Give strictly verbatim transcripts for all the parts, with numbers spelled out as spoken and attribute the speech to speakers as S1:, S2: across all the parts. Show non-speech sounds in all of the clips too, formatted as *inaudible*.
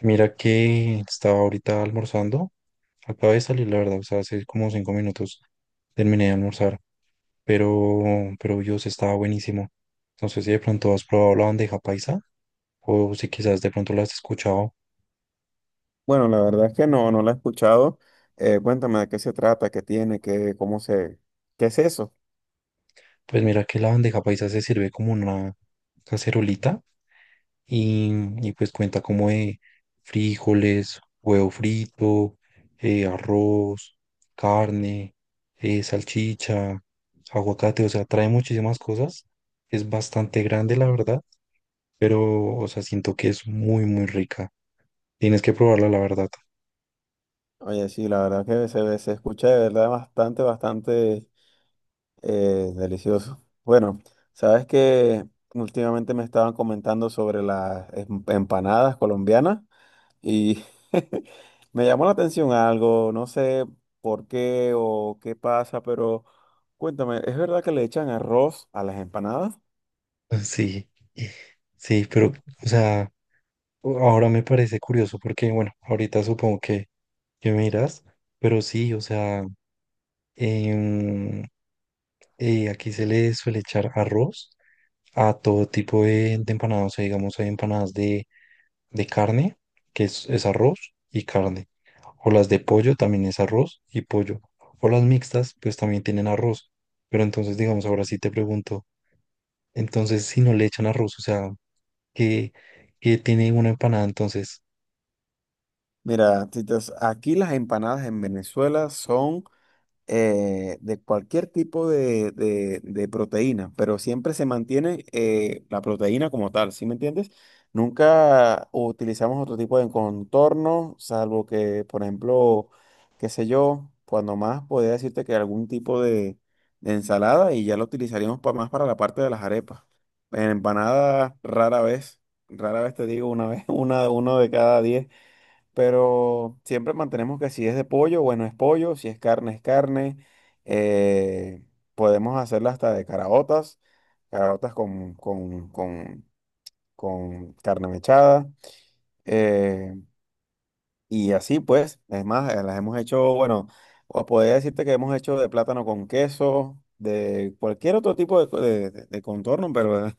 S1: Mira que estaba ahorita almorzando. Acabo de salir, la verdad, o sea, hace como cinco minutos terminé de almorzar, pero, pero Dios, estaba buenísimo. No sé si de pronto has probado la bandeja paisa o si quizás de pronto la has escuchado.
S2: Bueno, la verdad es que no, no la he escuchado. Eh, cuéntame de qué se trata, qué tiene, qué, cómo se, qué es eso.
S1: Pues mira que la bandeja paisa se sirve como una cacerolita y, y pues cuenta como de frijoles, huevo frito, eh, arroz, carne, eh, salchicha, aguacate, o sea, trae muchísimas cosas. Es bastante grande, la verdad, pero, o sea, siento que es muy, muy rica. Tienes que probarla, la verdad.
S2: Oye, sí, la verdad que se, ve- se escucha de verdad bastante, bastante eh, delicioso. Bueno, sabes que últimamente me estaban comentando sobre las em- empanadas colombianas y *laughs* me llamó la atención algo, no sé por qué o qué pasa, pero cuéntame, ¿es verdad que le echan arroz a las empanadas?
S1: Sí, sí, pero, o sea, ahora me parece curioso porque, bueno, ahorita supongo que, que me dirás, pero sí, o sea, em, eh, aquí se le suele echar arroz a todo tipo de, de empanadas, o sea, digamos, hay empanadas de, de carne, que es, es arroz y carne, o las de pollo también es arroz y pollo, o las mixtas, pues también tienen arroz, pero entonces, digamos, ahora sí te pregunto, entonces, si no le echan arroz, o sea, que, que tiene una empanada. Entonces,
S2: Mira, Titas, aquí las empanadas en Venezuela son eh, de cualquier tipo de, de- de proteína, pero siempre se mantiene eh, la proteína como tal, ¿sí me entiendes? Nunca utilizamos otro tipo de contorno, salvo que, por ejemplo, qué sé yo, cuando más podría decirte que algún tipo de, de ensalada y ya lo utilizaríamos pa- más para la parte de las arepas. En empanadas, rara vez, rara vez te digo una vez, *laughs* una, uno de cada diez pero siempre mantenemos que si es de pollo, bueno, es pollo, si es carne, es carne. Eh, podemos hacerla hasta de caraotas, caraotas con, con, con, con carne mechada. eh, y así pues, es más, eh, las hemos hecho, bueno, o podría decirte que hemos hecho de plátano con queso, de cualquier otro tipo de, co- de- de- de contorno, pero *laughs* eh,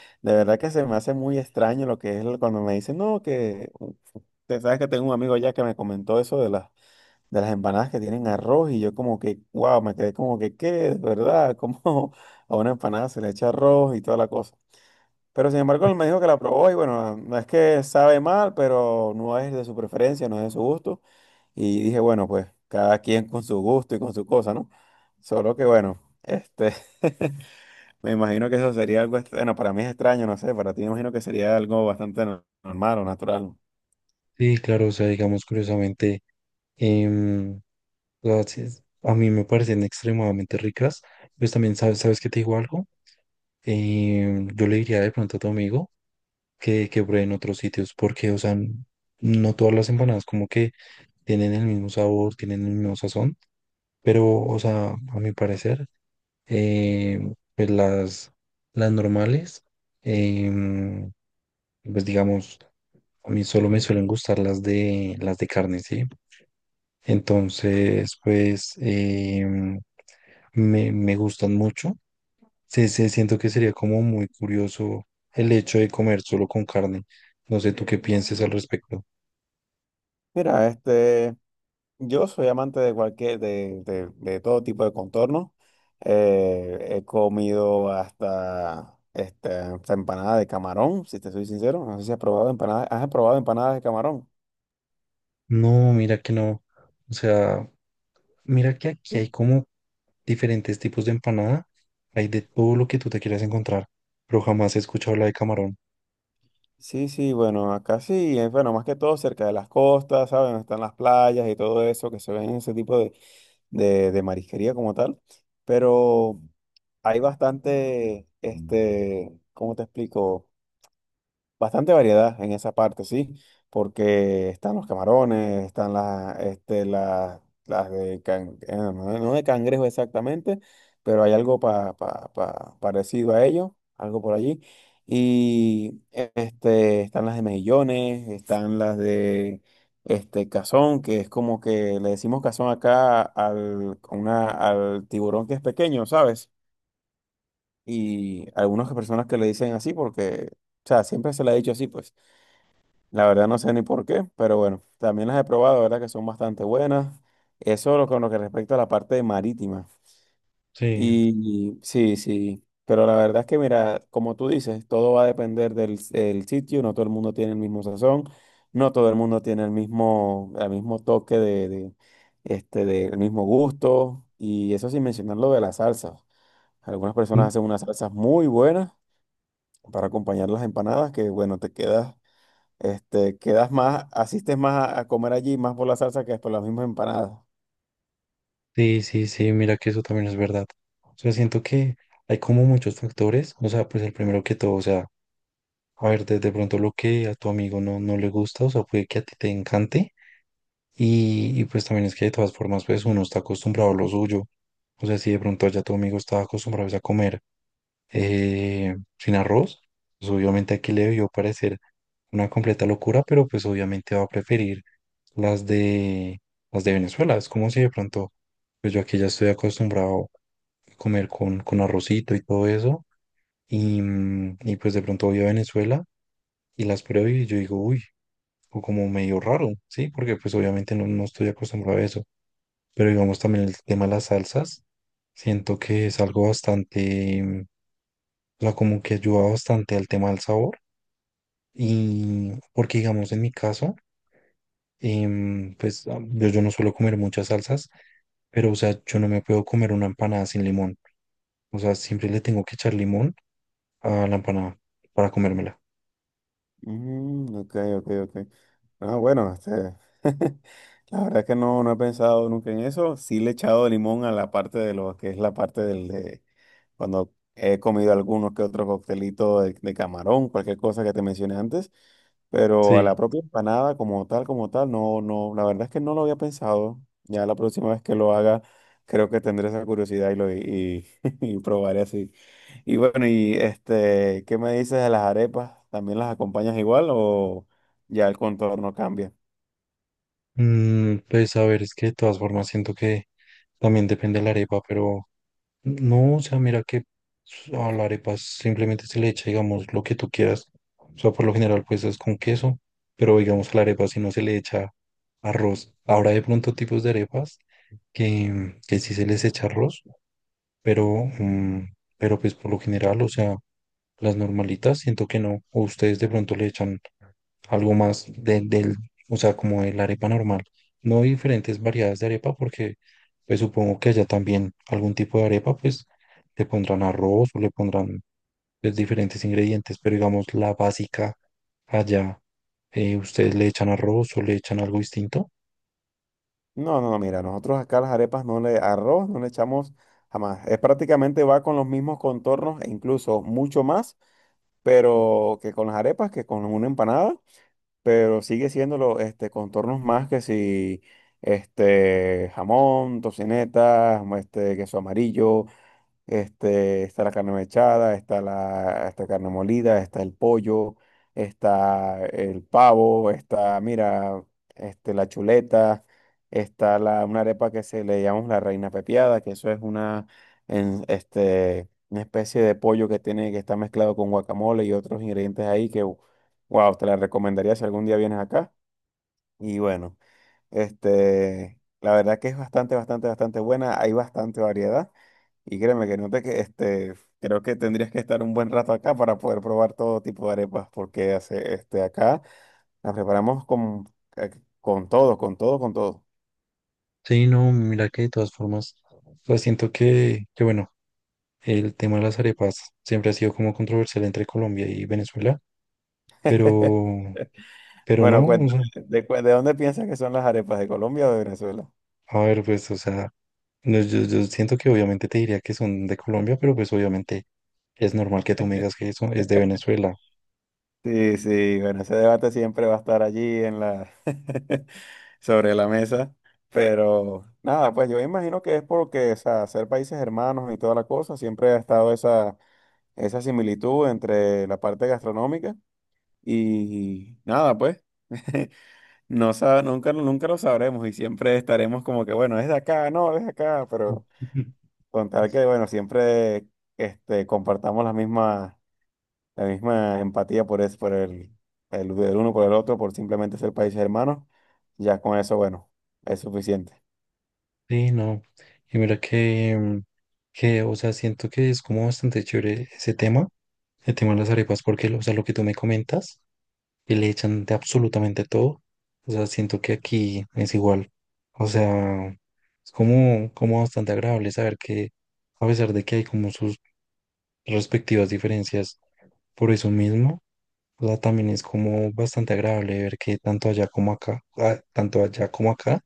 S2: de verdad que se me hace muy extraño lo que es el- cuando me dicen, no, que... u- u- Te sabes que tengo un amigo ya que me comentó eso de las de las empanadas que tienen arroz y yo como que, wow, me quedé como que, ¿qué? ¿De verdad? ¿Cómo *laughs* a una empanada se le echa arroz y toda la cosa? Pero sin embargo él me dijo que la probó y bueno, no es que sabe mal, pero no es de su preferencia, no es de su gusto. Y dije, bueno, pues cada quien con su gusto y con su cosa, ¿no? Solo que bueno, este, *laughs* me imagino que eso sería algo, ex- bueno, para mí es extraño, no sé, para ti me imagino que sería algo bastante no- normal o natural.
S1: sí, claro, o sea, digamos, curiosamente, em, las- es- a mí me parecen extremadamente ricas. Pues también, ¿sabes, sabes que te digo algo? Em, yo le diría de pronto a tu amigo que, que pruebe en otros sitios, porque, o sea, n- no todas las empanadas como que tienen el mismo sabor, tienen el mismo sazón, pero, o sea, a mi parecer, em, pues las, las normales, em, pues digamos, a mí solo me suelen gustar las de las de carne, ¿sí? Entonces, pues em, me, me gustan mucho. Sí, sí, siento que sería como muy curioso el hecho de comer solo con carne. No sé tú qué pienses al respecto.
S2: Mira, este. Yo soy amante de cualquier, de, de- de todo tipo de contorno. Eh, he comido hasta, este, hasta empanada de camarón, si te soy sincero. No sé si has probado empanadas. ¿Has probado empanadas de camarón?
S1: No, mira que no. O sea, mira que aquí
S2: Sí.
S1: hay como diferentes tipos de empanada. Hay de todo lo que tú te quieras encontrar, pero jamás he escuchado la de camarón.
S2: Sí, sí, bueno, acá sí, eh, bueno, más que todo cerca de las costas, ¿sabes? Donde están las playas y todo eso, que se ven ese tipo de, de, de marisquería como tal. Pero hay bastante, este, ¿cómo te explico? Bastante variedad en esa parte, sí, porque están los camarones, están las, este, las, las de can- eh, no, no de cangrejo exactamente, pero hay algo pa, pa- pa- parecido a ello, algo por allí. Y eh, este, están las de mejillones, están las de este cazón, que es como que le decimos cazón acá al, una, al tiburón que es pequeño, ¿sabes? Y algunas personas que le dicen así porque, o sea, siempre se le ha dicho así, pues. La verdad no sé ni por qué, pero bueno, también las he probado, verdad que son bastante buenas. Eso lo- con lo que respecta a la parte marítima.
S1: Sí.
S2: Y, sí, sí, pero la verdad es que mira, como tú dices, todo va a depender del, del sitio, no todo el mundo tiene el mismo sazón, no todo el mundo tiene el mismo, el mismo toque de, de, este, del mismo gusto, y eso sin mencionar lo de las salsas. Algunas personas hacen unas salsas muy buenas para acompañar las empanadas, que bueno, te quedas este, quedas más, asistes más a, a comer allí, más por la salsa que por las mismas empanadas.
S1: Sí, sí, sí, mira que eso también es verdad. O sea, siento que hay como muchos factores, o sea, pues el primero que todo, o sea, a ver, de, de pronto lo que a tu amigo no, no le gusta, o sea, puede que a ti te encante, y, y pues también es que de todas formas, pues uno está acostumbrado a lo suyo, o sea, si de pronto ya tu amigo estaba acostumbrado pues, a comer eh, sin arroz, pues obviamente aquí le debió parecer una completa locura, pero pues obviamente va a preferir las de, las de Venezuela, es como si de pronto... Pues yo aquí ya estoy acostumbrado comer con, con arrocito y todo eso. Y, mm, y pues de pronto voy a Venezuela y las pruebo y yo digo, uy, o como medio raro, ¿sí? Porque pues obviamente no, no estoy acostumbrado a eso. Pero digamos también el tema de las salsas, siento que es algo bastante, mm, o sea, como que ayuda bastante al tema del sabor. Y porque digamos en mi caso, em, pues ah, yo, yo no suelo comer muchas salsas, pero o sea, yo no me puedo comer una empanada sin limón. O sea, siempre le tengo que echar limón a la empanada para comérmela.
S2: Mm, ok, ok, ok. Ah, bueno, este, *laughs* la verdad es que no, no he pensado nunca en eso. Sí le he echado limón a la parte de lo que es la parte del, de- cuando he comido algunos que otros coctelitos de, de camarón, cualquier cosa que te mencioné antes, pero a la
S1: Sí.
S2: propia empanada como tal, como tal, no, no, la verdad es que no lo había pensado. Ya la próxima vez que lo haga, creo que tendré esa curiosidad y lo y, *laughs* y probaré así. Y bueno, y este, ¿qué me dices de las arepas? ¿También las acompañas igual o ya el contorno cambia?
S1: Mm, pues a ver, es que de todas formas siento que también depende de la arepa, pero no, o sea, mira que a la arepa simplemente se le echa, digamos, lo que tú quieras. O sea, por lo general, pues es con queso, pero digamos a la arepa si no se le echa arroz. Ahora de pronto tipos de arepas que, que sí se les echa arroz, pero, mm, pero pues por lo general, o sea, las normalitas siento que no. O ustedes de pronto le echan algo más del del, o sea, como de la arepa normal. No diferentes variedades de arepa, porque pues supongo que allá también algún tipo de arepa, pues le pondrán arroz o le pondrán pues, diferentes ingredientes, pero digamos la básica allá, eh, ¿ustedes le echan arroz o le echan algo distinto?
S2: No, no, no, mira, nosotros acá las arepas no le, arroz no le echamos jamás. Es prácticamente va con los mismos contornos e incluso mucho más, pero que con las arepas, que con una empanada, pero sigue siendo los este, contornos más que si este, jamón, tocineta, este, queso amarillo, este, está la carne mechada, está la está carne molida, está el pollo, está el pavo, está, mira, este, la chuleta, está la, una arepa que se le llamamos la reina pepiada, que eso es una, en- este, una especie de pollo que tiene, que está mezclado con guacamole y otros ingredientes ahí que, wow, te la recomendaría si algún día vienes acá. Y bueno. Este, la verdad que es bastante, bastante, bastante buena. Hay bastante variedad. Y créeme que no te que este, creo que tendrías que estar un buen rato acá para poder probar todo tipo de arepas, porque hace, este, acá las preparamos con, eh, con todo, con todo, con todo.
S1: Sí, no, mira que de todas formas, pues siento que, que bueno, el tema de las arepas siempre ha sido como controversial entre Colombia y Venezuela, pero,
S2: *laughs*
S1: pero
S2: Bueno,
S1: no, o
S2: cuéntame,
S1: sea,
S2: ¿de, cu- de dónde piensas que son las arepas? ¿De Colombia o de Venezuela?
S1: a ver, pues, o sea, no, yo, yo siento que obviamente te diría que son de Colombia, pero pues obviamente es normal que tú me digas que eso es de Venezuela.
S2: Sí, sí, bueno, ese debate siempre va a estar allí en la *laughs* sobre la mesa, pero nada, pues yo imagino que es porque, o sea, ser países hermanos y toda la cosa, siempre ha estado esa, esa similitud entre la parte gastronómica y nada, pues, *laughs* no sa- nunca, nunca lo sabremos y siempre estaremos como que, bueno, es de acá, no, es de acá, pero
S1: *laughs*
S2: con tal que, bueno, siempre este, compartamos las mismas la misma empatía por, es, por el, el, el uno por el otro, por simplemente ser países hermanos, ya con eso, bueno, es suficiente.
S1: Sí, no. Y mira que, mm, que, o sea, siento que es como bastante chévere ese tema, el tema de las arepas, porque, o sea, lo que tú me comentas que le echan de absolutamente todo. O sea, siento que aquí es igual. O sea, es como, como bastante agradable saber que a pesar de que hay como sus respectivas diferencias por eso mismo, o sea, también es como bastante agradable ver que tanto allá como acá, ah, tanto allá como acá,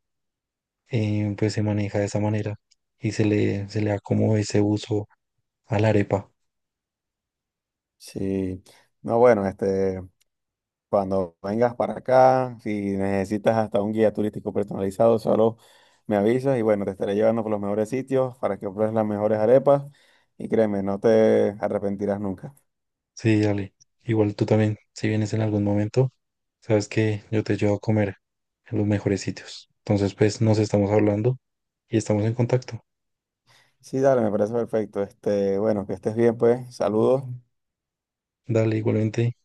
S1: eh, pues se maneja de esa manera y se le, se le da como ese uso a la arepa.
S2: Sí, no, bueno, este, cuando vengas para acá, si necesitas hasta un guía turístico personalizado, solo me avisas y bueno, te estaré llevando por los mejores sitios para que pruebes las mejores arepas y créeme, no te arrepentirás nunca.
S1: Sí, dale. Igual tú también, si vienes en algún momento, sabes que yo te llevo a comer en los mejores sitios. Entonces, pues nos estamos hablando y estamos en contacto.
S2: Sí, dale, me parece perfecto. Este, bueno, que estés bien, pues, saludos
S1: Dale, igualmente.